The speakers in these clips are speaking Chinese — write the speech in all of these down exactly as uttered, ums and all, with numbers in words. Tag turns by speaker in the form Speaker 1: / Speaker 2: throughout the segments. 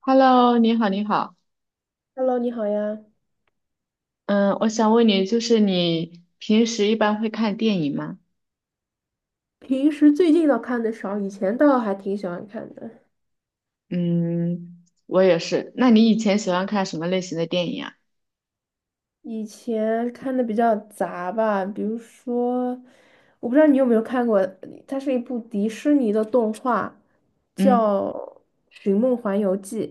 Speaker 1: Hello，你好，你好，
Speaker 2: Hello,你好呀。
Speaker 1: 嗯，我想问你，就是你平时一般会看电影吗？
Speaker 2: 平时最近倒看的少，以前倒还挺喜欢看的。
Speaker 1: 嗯，我也是。那你以前喜欢看什么类型的电影啊？
Speaker 2: 以前看的比较杂吧，比如说，我不知道你有没有看过，它是一部迪士尼的动画，
Speaker 1: 嗯，
Speaker 2: 叫《寻梦环游记》。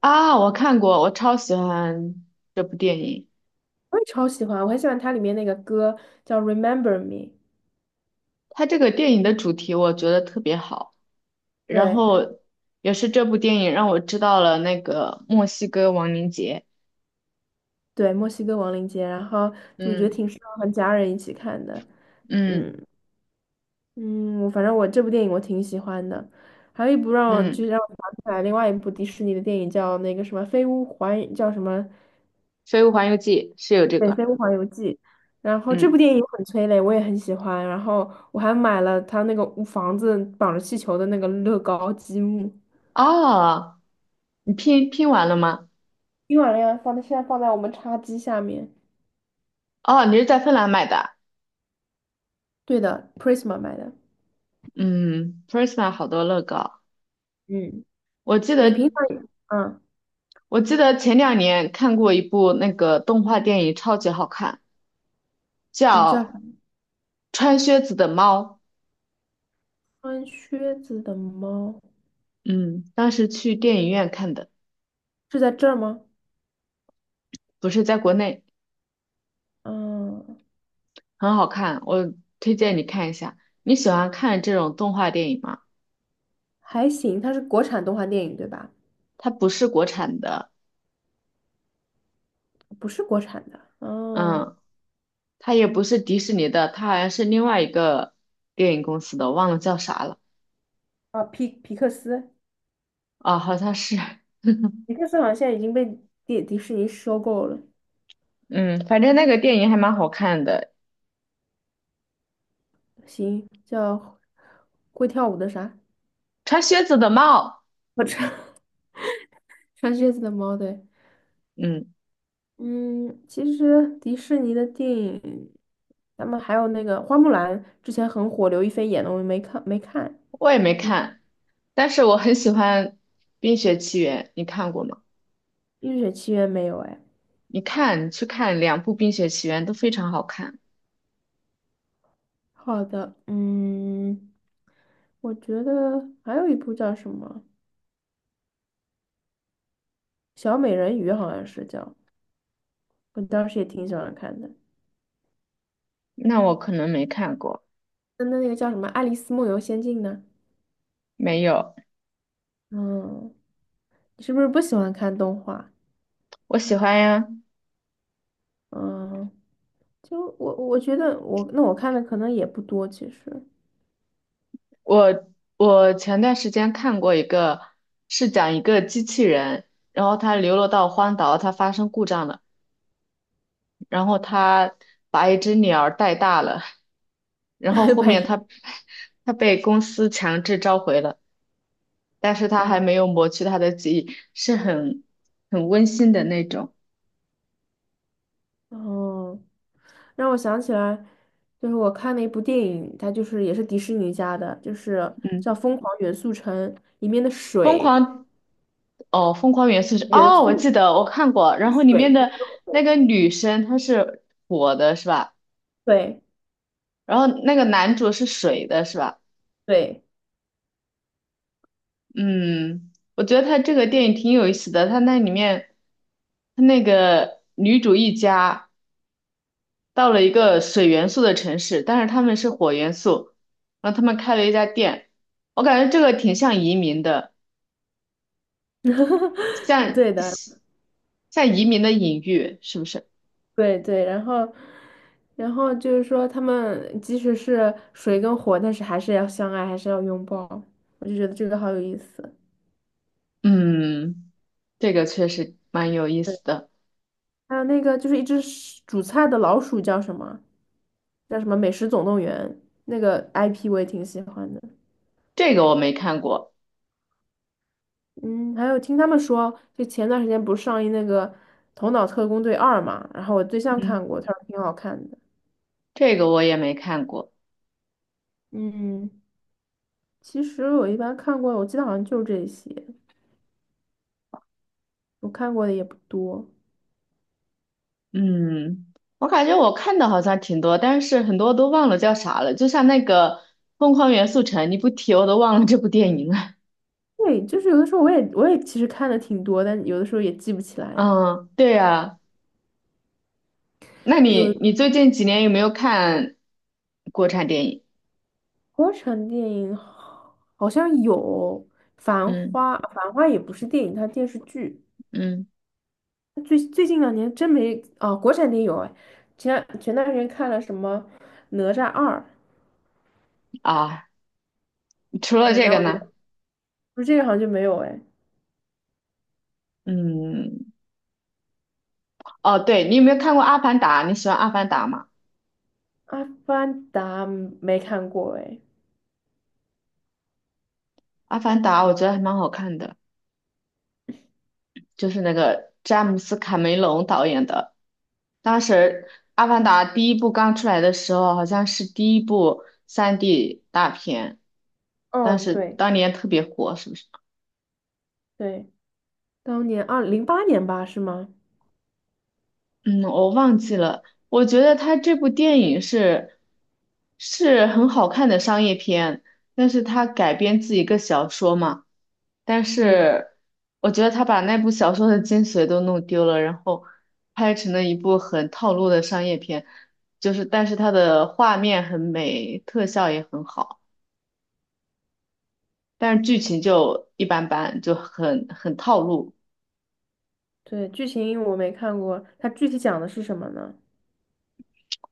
Speaker 1: 啊，我看过，我超喜欢这部电影。
Speaker 2: 我也超喜欢，我很喜欢它里面那个歌叫《Remember Me》。
Speaker 1: 它这个电影的主题我觉得特别好，然
Speaker 2: 对
Speaker 1: 后也是这部电影让我知道了那个墨西哥亡灵节。
Speaker 2: 对，墨西哥亡灵节，然后就我觉得
Speaker 1: 嗯
Speaker 2: 挺适合和家人一起看的，
Speaker 1: 嗯
Speaker 2: 嗯。嗯，我反正我这部电影我挺喜欢的。还有一部让我
Speaker 1: 嗯，
Speaker 2: 就是让我想起来另外一部迪士尼的电影叫那个什么《飞屋环》叫什么。
Speaker 1: 《飞屋环游记》是有这个。
Speaker 2: 然后这部
Speaker 1: 嗯，
Speaker 2: 电影很催泪，我也很喜欢，然后我还买了他那个屋房子绑着气球的那个乐高积木，
Speaker 1: 哦，你拼拼完了吗？
Speaker 2: 冰完了放在现在放在我们茶几下面。
Speaker 1: 哦，你是在芬兰买的？
Speaker 2: 对的，Prisma 买的。
Speaker 1: 嗯，Prisma 好多乐高。
Speaker 2: 嗯，
Speaker 1: 我记得，
Speaker 2: 你平常也嗯，
Speaker 1: 我记得前两年看过一部那个动画电影，超级好看，
Speaker 2: 你叫
Speaker 1: 叫
Speaker 2: 啥？
Speaker 1: 《穿靴子的猫》。
Speaker 2: 穿靴子的猫
Speaker 1: 嗯，当时去电影院看的，
Speaker 2: 是在这儿吗？
Speaker 1: 不是在国内，
Speaker 2: 嗯，
Speaker 1: 很好看。我推荐你看一下。你喜欢看这种动画电影吗？
Speaker 2: 还行，它是国产动画电影对吧？
Speaker 1: 它不是国产的，
Speaker 2: 不是国产的，哦。
Speaker 1: 嗯，它也不是迪士尼的，它好像是另外一个电影公司的，忘了叫啥了。
Speaker 2: 啊，皮皮克斯，
Speaker 1: 啊，好像是。
Speaker 2: 皮克斯好像现在已经被迪迪士尼收购了。
Speaker 1: 嗯，反正那个电影还蛮好看的，
Speaker 2: 行，叫会跳舞的啥？
Speaker 1: 《穿靴子的猫》。
Speaker 2: 我穿 穿靴子的猫，对。
Speaker 1: 嗯，
Speaker 2: 嗯，其实迪士尼的电影，咱们还有那个花木兰之前很火，刘亦菲演的，我没看没看，
Speaker 1: 我也没
Speaker 2: 你
Speaker 1: 看，但是我很喜欢《冰雪奇缘》，你看过吗？
Speaker 2: 《冰雪奇缘》没有？哎，
Speaker 1: 你看，你去看两部《冰雪奇缘》都非常好看。
Speaker 2: 好的。嗯，我觉得还有一部叫什么《小美人鱼》，好像是叫，我当时也挺喜欢看的。
Speaker 1: 那我可能没看过，
Speaker 2: 那那个叫什么《爱丽丝梦游仙境》呢？
Speaker 1: 没有，
Speaker 2: 嗯，你是不是不喜欢看动画？
Speaker 1: 我喜欢呀。
Speaker 2: 嗯，就我我觉得我那我看的可能也不多，其实
Speaker 1: 我我前段时间看过一个，是讲一个机器人，然后它流落到荒岛，它发生故障了。然后他把一只鸟儿带大了，然后 后
Speaker 2: 白
Speaker 1: 面
Speaker 2: 痴
Speaker 1: 他 他被公司强制召回了，但是他
Speaker 2: 啊。
Speaker 1: 还没有抹去他的记忆，是很很温馨的那种。
Speaker 2: 哦，让我想起来，就是我看了一部电影，它就是也是迪士尼家的，就是叫
Speaker 1: 嗯，
Speaker 2: 《疯狂元素城》。里面的
Speaker 1: 疯
Speaker 2: 水
Speaker 1: 狂哦，疯狂元素是
Speaker 2: 元
Speaker 1: 哦，我
Speaker 2: 素
Speaker 1: 记得我看过，然后里
Speaker 2: 水
Speaker 1: 面
Speaker 2: 跟一
Speaker 1: 的
Speaker 2: 个
Speaker 1: 那
Speaker 2: 火，
Speaker 1: 个女生她是火的是吧？
Speaker 2: 对
Speaker 1: 然后那个男主是水的是吧？
Speaker 2: 对
Speaker 1: 嗯，我觉得他这个电影挺有意思的，他那里面他那个女主一家。到了一个水元素的城市，但是他们是火元素，然后他们开了一家店，我感觉这个挺像移民的，
Speaker 2: 对的。
Speaker 1: 像像移民的隐喻，是不是？
Speaker 2: 对对，然后，然后就是说，他们即使是水跟火，但是还是要相爱，还是要拥抱。我就觉得这个好有意思。
Speaker 1: 嗯，这个确实蛮有意
Speaker 2: 对，
Speaker 1: 思的，
Speaker 2: 还有那个就是一只是煮菜的老鼠叫什么？叫什么《美食总动员》，那个 I P 我也挺喜欢的。
Speaker 1: 这个我没看过，
Speaker 2: 嗯，还有听他们说，就前段时间不是上映那个《头脑特工队二》嘛，然后我对象
Speaker 1: 嗯，
Speaker 2: 看过，他说挺好看的。
Speaker 1: 这个我也没看过，
Speaker 2: 嗯，其实我一般看过，我记得好像就这些，我看过的也不多。
Speaker 1: 嗯，我感觉我看的好像挺多，但是很多都忘了叫啥了，就像那个《疯狂元素城》，你不提我都忘了这部电影了。
Speaker 2: 对，就是有的时候我也我也其实看的挺多，但有的时候也记不起 来。
Speaker 1: 嗯，对呀、那你你
Speaker 2: 有，
Speaker 1: 最近几年有没有看国产电影？
Speaker 2: 国产电影好，好像有《繁
Speaker 1: 嗯
Speaker 2: 花》，《繁花》也不是电影，它电视剧。
Speaker 1: 嗯，
Speaker 2: 最最近两年真没啊、国产电影有哎，前两前段时间看了什么《哪吒二》。
Speaker 1: 啊，除了
Speaker 2: 对，
Speaker 1: 这
Speaker 2: 但
Speaker 1: 个
Speaker 2: 我觉
Speaker 1: 呢？
Speaker 2: 得不是这个好像就没有哎，
Speaker 1: 嗯，哦，对，你有没有看过《阿凡达》？你喜欢《阿凡达》吗？
Speaker 2: 《阿凡达》没看过哎。
Speaker 1: 《阿凡达》我觉得还蛮好看的，就是那个詹姆斯·卡梅隆导演的。当时《阿凡达》第一部刚出来的时候，好像是第一部三 d 大片，当
Speaker 2: 嗯，
Speaker 1: 时
Speaker 2: 对
Speaker 1: 当年特别火，是不是？
Speaker 2: 对，当年二零零八年吧，是吗？
Speaker 1: 嗯，我忘记了。我觉得他这部电影是是很好看的商业片，但是他改编自一个小说嘛，但
Speaker 2: 嗯，
Speaker 1: 是我觉得他把那部小说的精髓都弄丢了，然后拍成了一部很套路的商业片，就是但是它的画面很美，特效也很好，但是剧情就一般般，就很很套路。
Speaker 2: 对，剧情我没看过，它具体讲的是什么呢？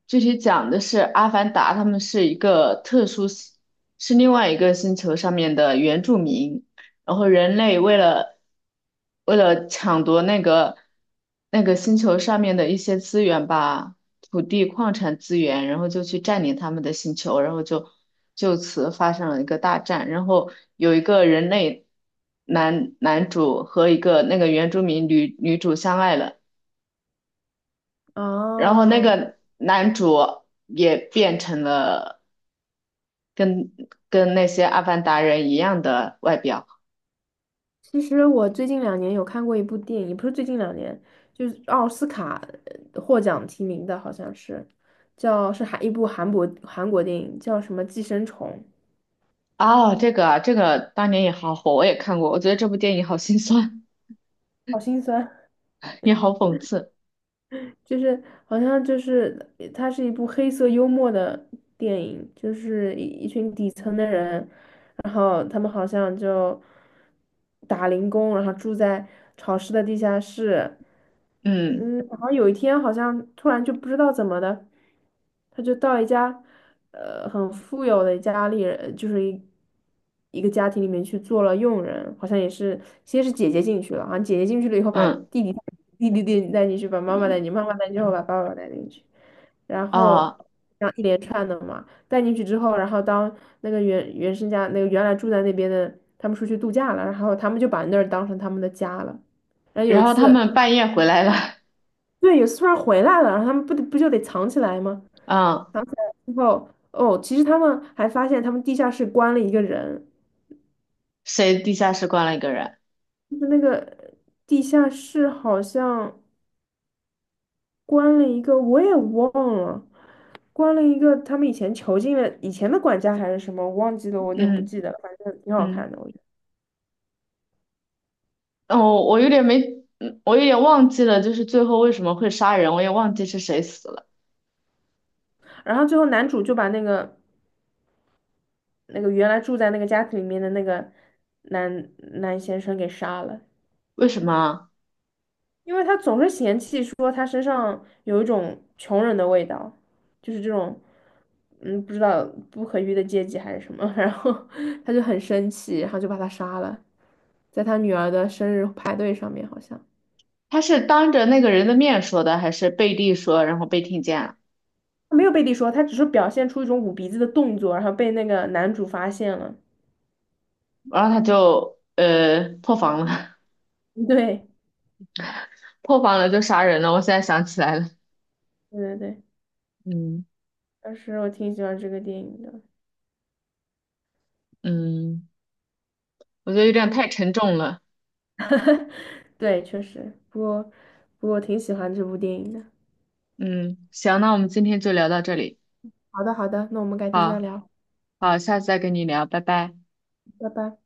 Speaker 1: 具体讲的是阿凡达，他们是一个特殊系，是另外一个星球上面的原住民，然后人类为了为了抢夺那个那个星球上面的一些资源吧，土地、矿产资源，然后就去占领他们的星球，然后就就此发生了一个大战，然后有一个人类男男主和一个那个原住民女女主相爱了。然后那
Speaker 2: 哦，
Speaker 1: 个男主也变成了跟跟那些阿凡达人一样的外表。
Speaker 2: 其实我最近两年有看过一部电影，不是最近两年，就是奥斯卡呃获奖提名的，好像是叫，是韩一部韩国韩国电影，叫什么《寄生虫》，
Speaker 1: 哦，这个啊这个当年也好火，我也看过。我觉得这部电影好心酸，
Speaker 2: 好心酸。
Speaker 1: 也好讽刺。
Speaker 2: 就是好像就是呃它是一部黑色幽默的电影，就是一一群底层的人，然后他们好像就打零工，然后住在潮湿的地下室。
Speaker 1: 嗯
Speaker 2: 嗯，然后有一天好像突然就不知道怎么的，他就到一家呃很富有的家里人，就是一一个家庭里面去做了佣人。好像也是先是姐姐进去了，好像姐姐进去了以后把
Speaker 1: 嗯
Speaker 2: 弟弟弟弟弟弟带进去，把妈妈带进去，妈妈带进去后把爸爸带进去，然后
Speaker 1: 啊，
Speaker 2: 这样一连串的嘛。带进去之后，然后当那个原原生家那个原来住在那边的他们出去度假了，然后他们就把那儿当成他们的家了。然后有
Speaker 1: 然
Speaker 2: 一
Speaker 1: 后他
Speaker 2: 次，
Speaker 1: 们半夜回来了，
Speaker 2: 对，有一次突然回来了，然后他们不得不就得藏起来吗？
Speaker 1: 嗯，
Speaker 2: 藏起来之后，哦，其实他们还发现他们地下室关了一个人，
Speaker 1: 谁地下室关了一个人？
Speaker 2: 就是那个地下室好像关了一个，我也忘了。关了一个他们以前囚禁的以前的管家还是什么，我忘记了，我有点不
Speaker 1: 嗯
Speaker 2: 记得了，反正挺好看
Speaker 1: 嗯，
Speaker 2: 的，我觉得。
Speaker 1: 哦，我有点没，嗯我有点忘记了，就是最后为什么会杀人，我也忘记是谁死了，
Speaker 2: 然后最后男主就把那个那个原来住在那个家庭里面的那个男男先生给杀了，
Speaker 1: 为什么啊
Speaker 2: 因为他总是嫌弃说他身上有一种穷人的味道，就是这种嗯不知道不可遇的阶级还是什么，然后他就很生气，然后就把他杀了，在他女儿的生日派对上面好像。
Speaker 1: 他是当着那个人的面说的，还是背地说，然后被听见了，
Speaker 2: 他没有背地说，他只是表现出一种捂鼻子的动作，然后被那个男主发现了。
Speaker 1: 然后他就呃破防了，
Speaker 2: 对，
Speaker 1: 破防了就杀人了。我现在想起来了，
Speaker 2: 对对对，
Speaker 1: 嗯
Speaker 2: 当时我挺喜欢这个电影的。
Speaker 1: 嗯，我觉得有点
Speaker 2: 嗯。
Speaker 1: 太沉重了。
Speaker 2: 对，确实，不过不过我挺喜欢这部电影的。
Speaker 1: 嗯，行，那我们今天就聊到这里，
Speaker 2: 好的，好的，那我们改天再
Speaker 1: 好
Speaker 2: 聊，
Speaker 1: 好，下次再跟你聊，拜拜。
Speaker 2: 拜拜。